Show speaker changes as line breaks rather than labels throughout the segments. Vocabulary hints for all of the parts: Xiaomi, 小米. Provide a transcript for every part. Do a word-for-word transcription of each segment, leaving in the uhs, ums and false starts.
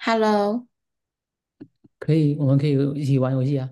Hello，
可以，我们可以一起玩游戏啊。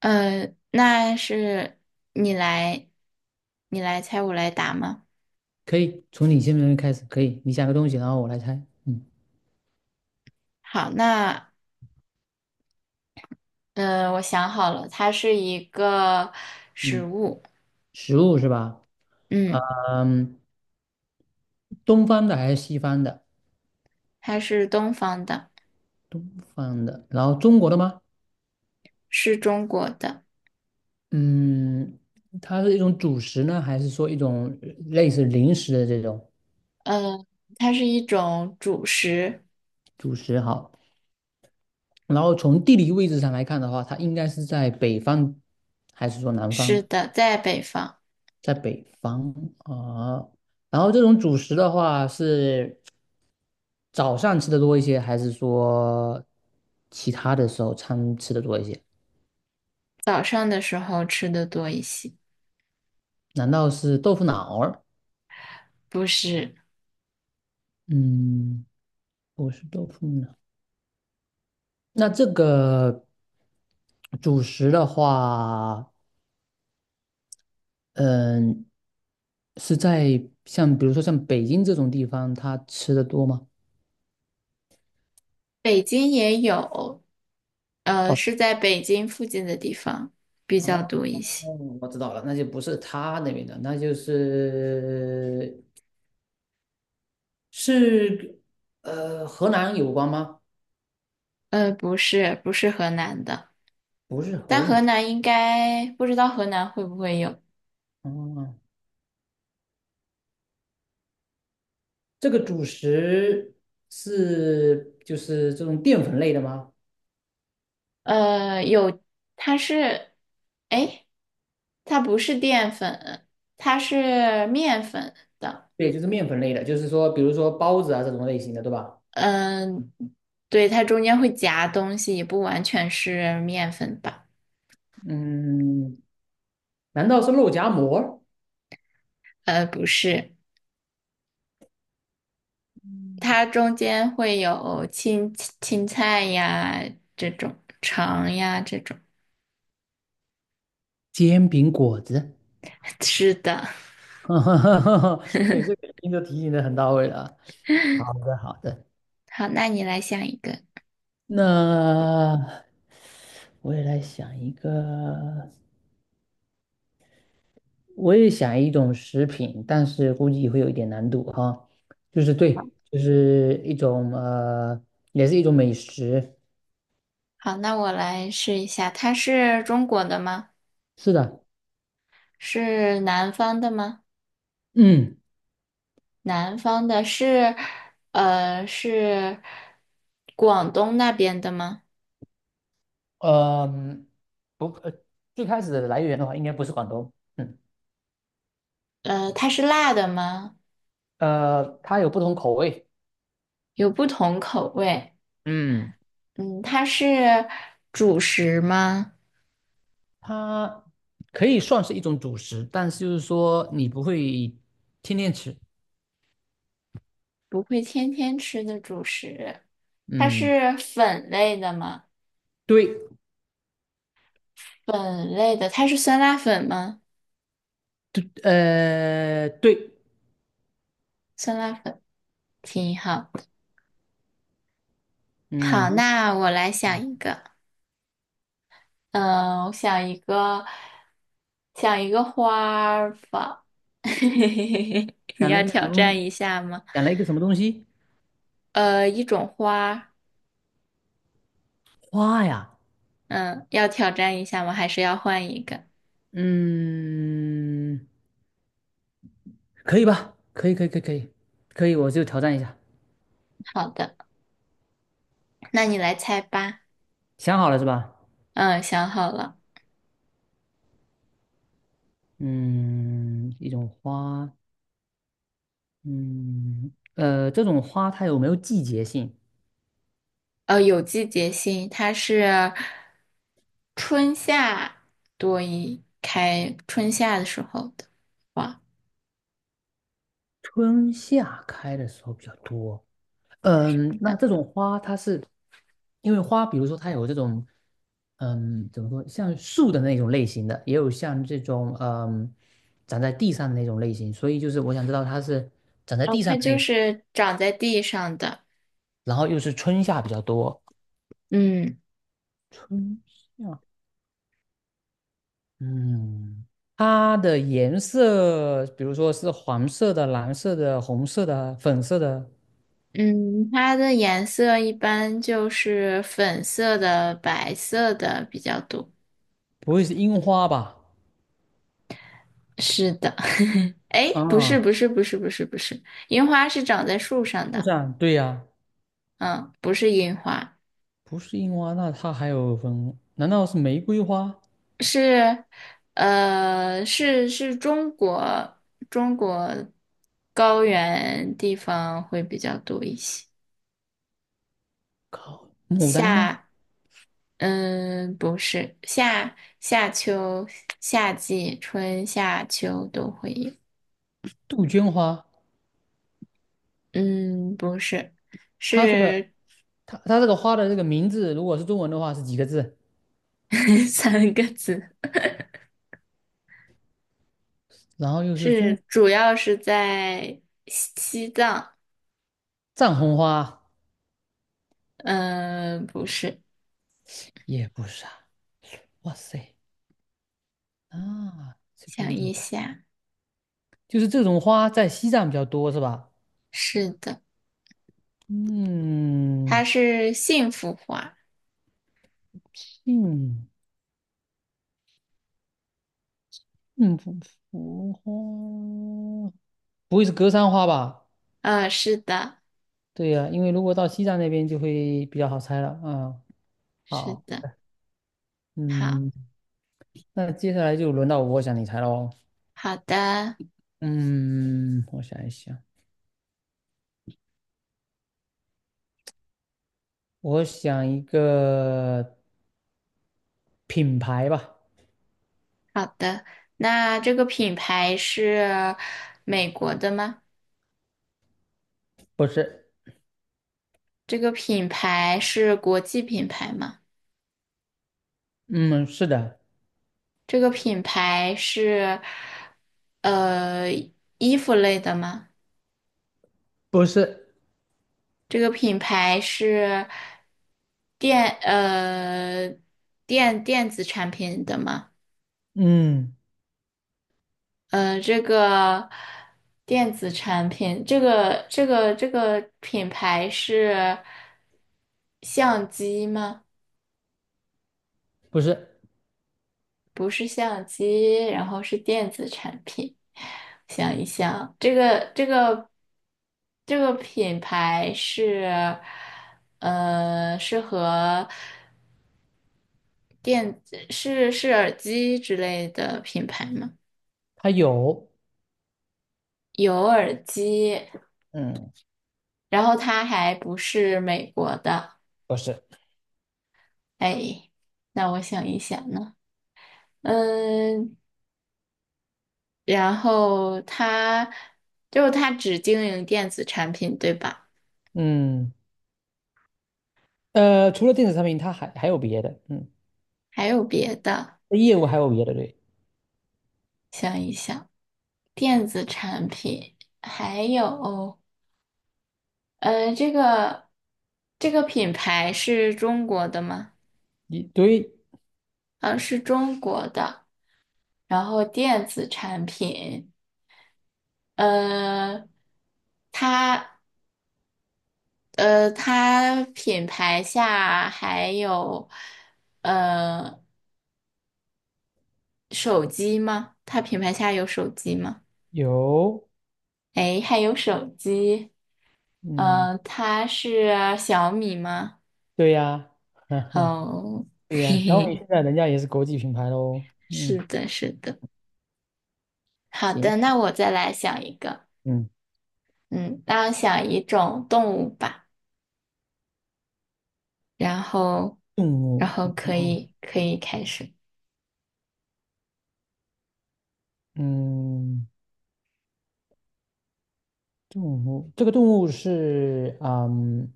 呃，那是你来，你来猜我来答吗？
可以，从你先边开始，可以，你想个东西，然后我来猜。嗯
好，那呃，我想好了，它是一个食
嗯，
物。
食物是吧？
嗯，
嗯，东方的还是西方的？
它是东方的，
东方的，然后中国的吗？
是中国的。
嗯，它是一种主食呢，还是说一种类似零食的这种
呃，它是一种主食，
主食？好，然后从地理位置上来看的话，它应该是在北方还是说南
是
方？
的，在北方，
在北方啊，然后这种主食的话是早上吃的多一些，还是说其他的时候餐吃的多一些？
早上的时候吃的多一些。
难道是豆腐脑儿？
不是，
嗯，不是豆腐脑。那这个主食的话，嗯，是在像比如说像北京这种地方，它吃的多吗？
北京也有，呃，
哦
是在北京附近的地方比较
哦，
多一些。
我知道了，那就不是他那边的，那就是是呃河南有关吗？
呃，不是，不是河南的，
不是
但
河
河
南，
南应该不知道河南会不会有。
哦，这个主食是就是这种淀粉类的吗？
呃，有，它是，哎，它不是淀粉，它是面粉的。
对，就是面粉类的，就是说比如说包子啊这种类型的，对吧？
嗯、对，它中间会夹东西，也不完全是面粉吧？
嗯，难道是肉夹馍、
呃，不是，它中间会有青青菜呀这种，肠呀这种。
煎饼果子？
是的，
哈哈哈，对，这个您就提醒的很到位了啊。好的，好的，
好，那你来想一个。
那我也来想一个。我也想一种食品，但是估计会有一点难度哈。就是对，就是一种呃，也是一种美食。
好，那我来试一下，它是中国的吗？
是的，
是南方的吗？
嗯，
南方的是，呃，是广东那边的吗？
呃，不，呃，最开始的来源的话，应该不是广东。嗯，
呃，它是辣的吗？
呃，它有不同口味。
有不同口味。
嗯，
嗯，它是主食吗？
它可以算是一种主食，但是就是说你不会天天吃。
不会天天吃的主食。它
嗯，
是粉类的吗？
对，
粉类的，它是酸辣粉吗？
对，呃，对，
酸辣粉，挺好。好，
嗯，
那我来想一个。嗯，我想一个，想一个花儿吧。你
讲
要
了一个什
挑
么，
战一下吗？
讲了一个什么东西？
呃，一种花。
花呀，
嗯，要挑战一下吗？还是要换一个？
嗯，可以吧？可以，可以，可以，可以，可以，我就挑战一下。
好的，那你来猜吧。
想好了是吧？
嗯，想好了。
嗯，一种花，嗯，呃，这种花它有没有季节性？
呃，有季节性，它是春夏多一开，春夏的时候的花。
春夏开的时候比较多。嗯，那这种花它是，因为花，比如说它有这种，嗯，怎么说，像树的那种类型的，也有像这种，嗯，长在地上的那种类型，所以就是我想知道它是长在
哦，
地上
它
的那
就
种。
是长在地上的。
然后又是春夏比较多。
嗯。
春夏，嗯，它的颜色，比如说是黄色的、蓝色的、红色的、粉色的，
嗯，它的颜色一般就是粉色的、白色的比较多。
不会是樱花吧？
是的，哎，不是，
啊，
不是，不是，不是，不是，樱花是长在树上
树
的。
上，对呀，
嗯，不是樱花，
不是樱花，那它还有粉，难道是玫瑰花、
是，呃，是是中国中国高原地方会比较多一些。
靠，牡丹吗？
夏，嗯，不是夏夏秋夏季春夏秋都会有。
杜鹃花？
嗯，不是，
它这个，
是
它它这个花的这个名字，如果是中文的话是几个字？
三个字，
然后又是中
是主要是在西西藏。
藏红花，
嗯、不是，
也不是啊。哇塞，啊，这个
想
有
一
点
下，
就是这种花在西藏比较多是吧？
是的，它
嗯，
是幸福花。
幸幸福福花，不会是格桑花吧？
呃，是的，
对呀、因为如果到西藏那边就会比较好猜了。嗯，
是
好，
的，好，
嗯，那接下来就轮到我想你猜喽。
好的，
嗯，我想一想，我想一个品牌吧，
好的。那这个品牌是美国的吗？
不是，
这个品牌是国际品牌吗？
嗯，是的，
这个品牌是呃衣服类的吗？
不是，
这个品牌是电呃电电子产品的吗？
嗯，
呃，这个电子产品，这个这个这个品牌是相机吗？
不是，
不是相机，然后是电子产品。想一想，这个这个这个品牌是，呃，是和电子是是耳机之类的品牌吗？
它有，
有耳机，
嗯，
然后它还不是美国的。
不是，
哎，那我想一想呢，嗯，然后它就它只经营电子产品，对吧？
嗯。呃，除了电子产品，它还还有别的，嗯，
还有别的。
业务还有别的，对，
想一想，电子产品，还有，呃，这个这个品牌是中国的吗？
一对
啊，是中国的。然后电子产品，呃，它呃它品牌下还有呃手机吗？它品牌下有手机吗？
有，
诶，还有手机，
嗯，
嗯，它是小米吗？
对呀，哈哈，
哦，
对呀，
嘿
小米
嘿。
现在人家也是国际品牌喽，
是
嗯，
的，是的。好
行，
的，那我再来想一个，
嗯，
嗯，那我想一种动物吧，然后，
动
然
物，
后可
哦
以可以开始。
嗯，动物，这个动物是，嗯，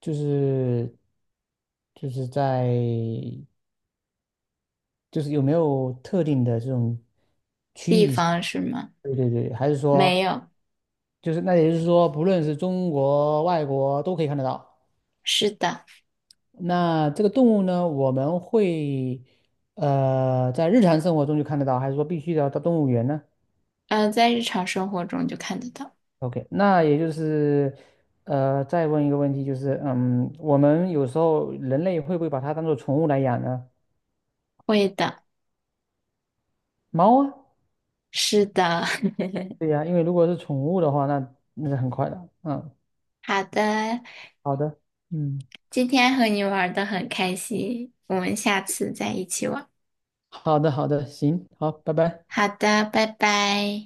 就是就是在就是有没有特定的这种，
地方是吗？
对对对，还是
没
说
有，
就是那也就是说，不论是中国、外国都可以看得到。
是的，
那这个动物呢，我们会呃在日常生活中就看得到，还是说必须得要到动物园呢
嗯，在日常生活中就看得到。
？O K，那也就是呃再问一个问题，就是嗯，我们有时候人类会不会把它当做宠物来养呢？
会的，
猫啊，
是的，
对呀，因为如果是宠物的话，那那是很快的。嗯，
好的，
好的，嗯，
今天和你玩的很开心，我们下次再一起玩。
好的，好的，行，好，拜拜。
好的，拜拜。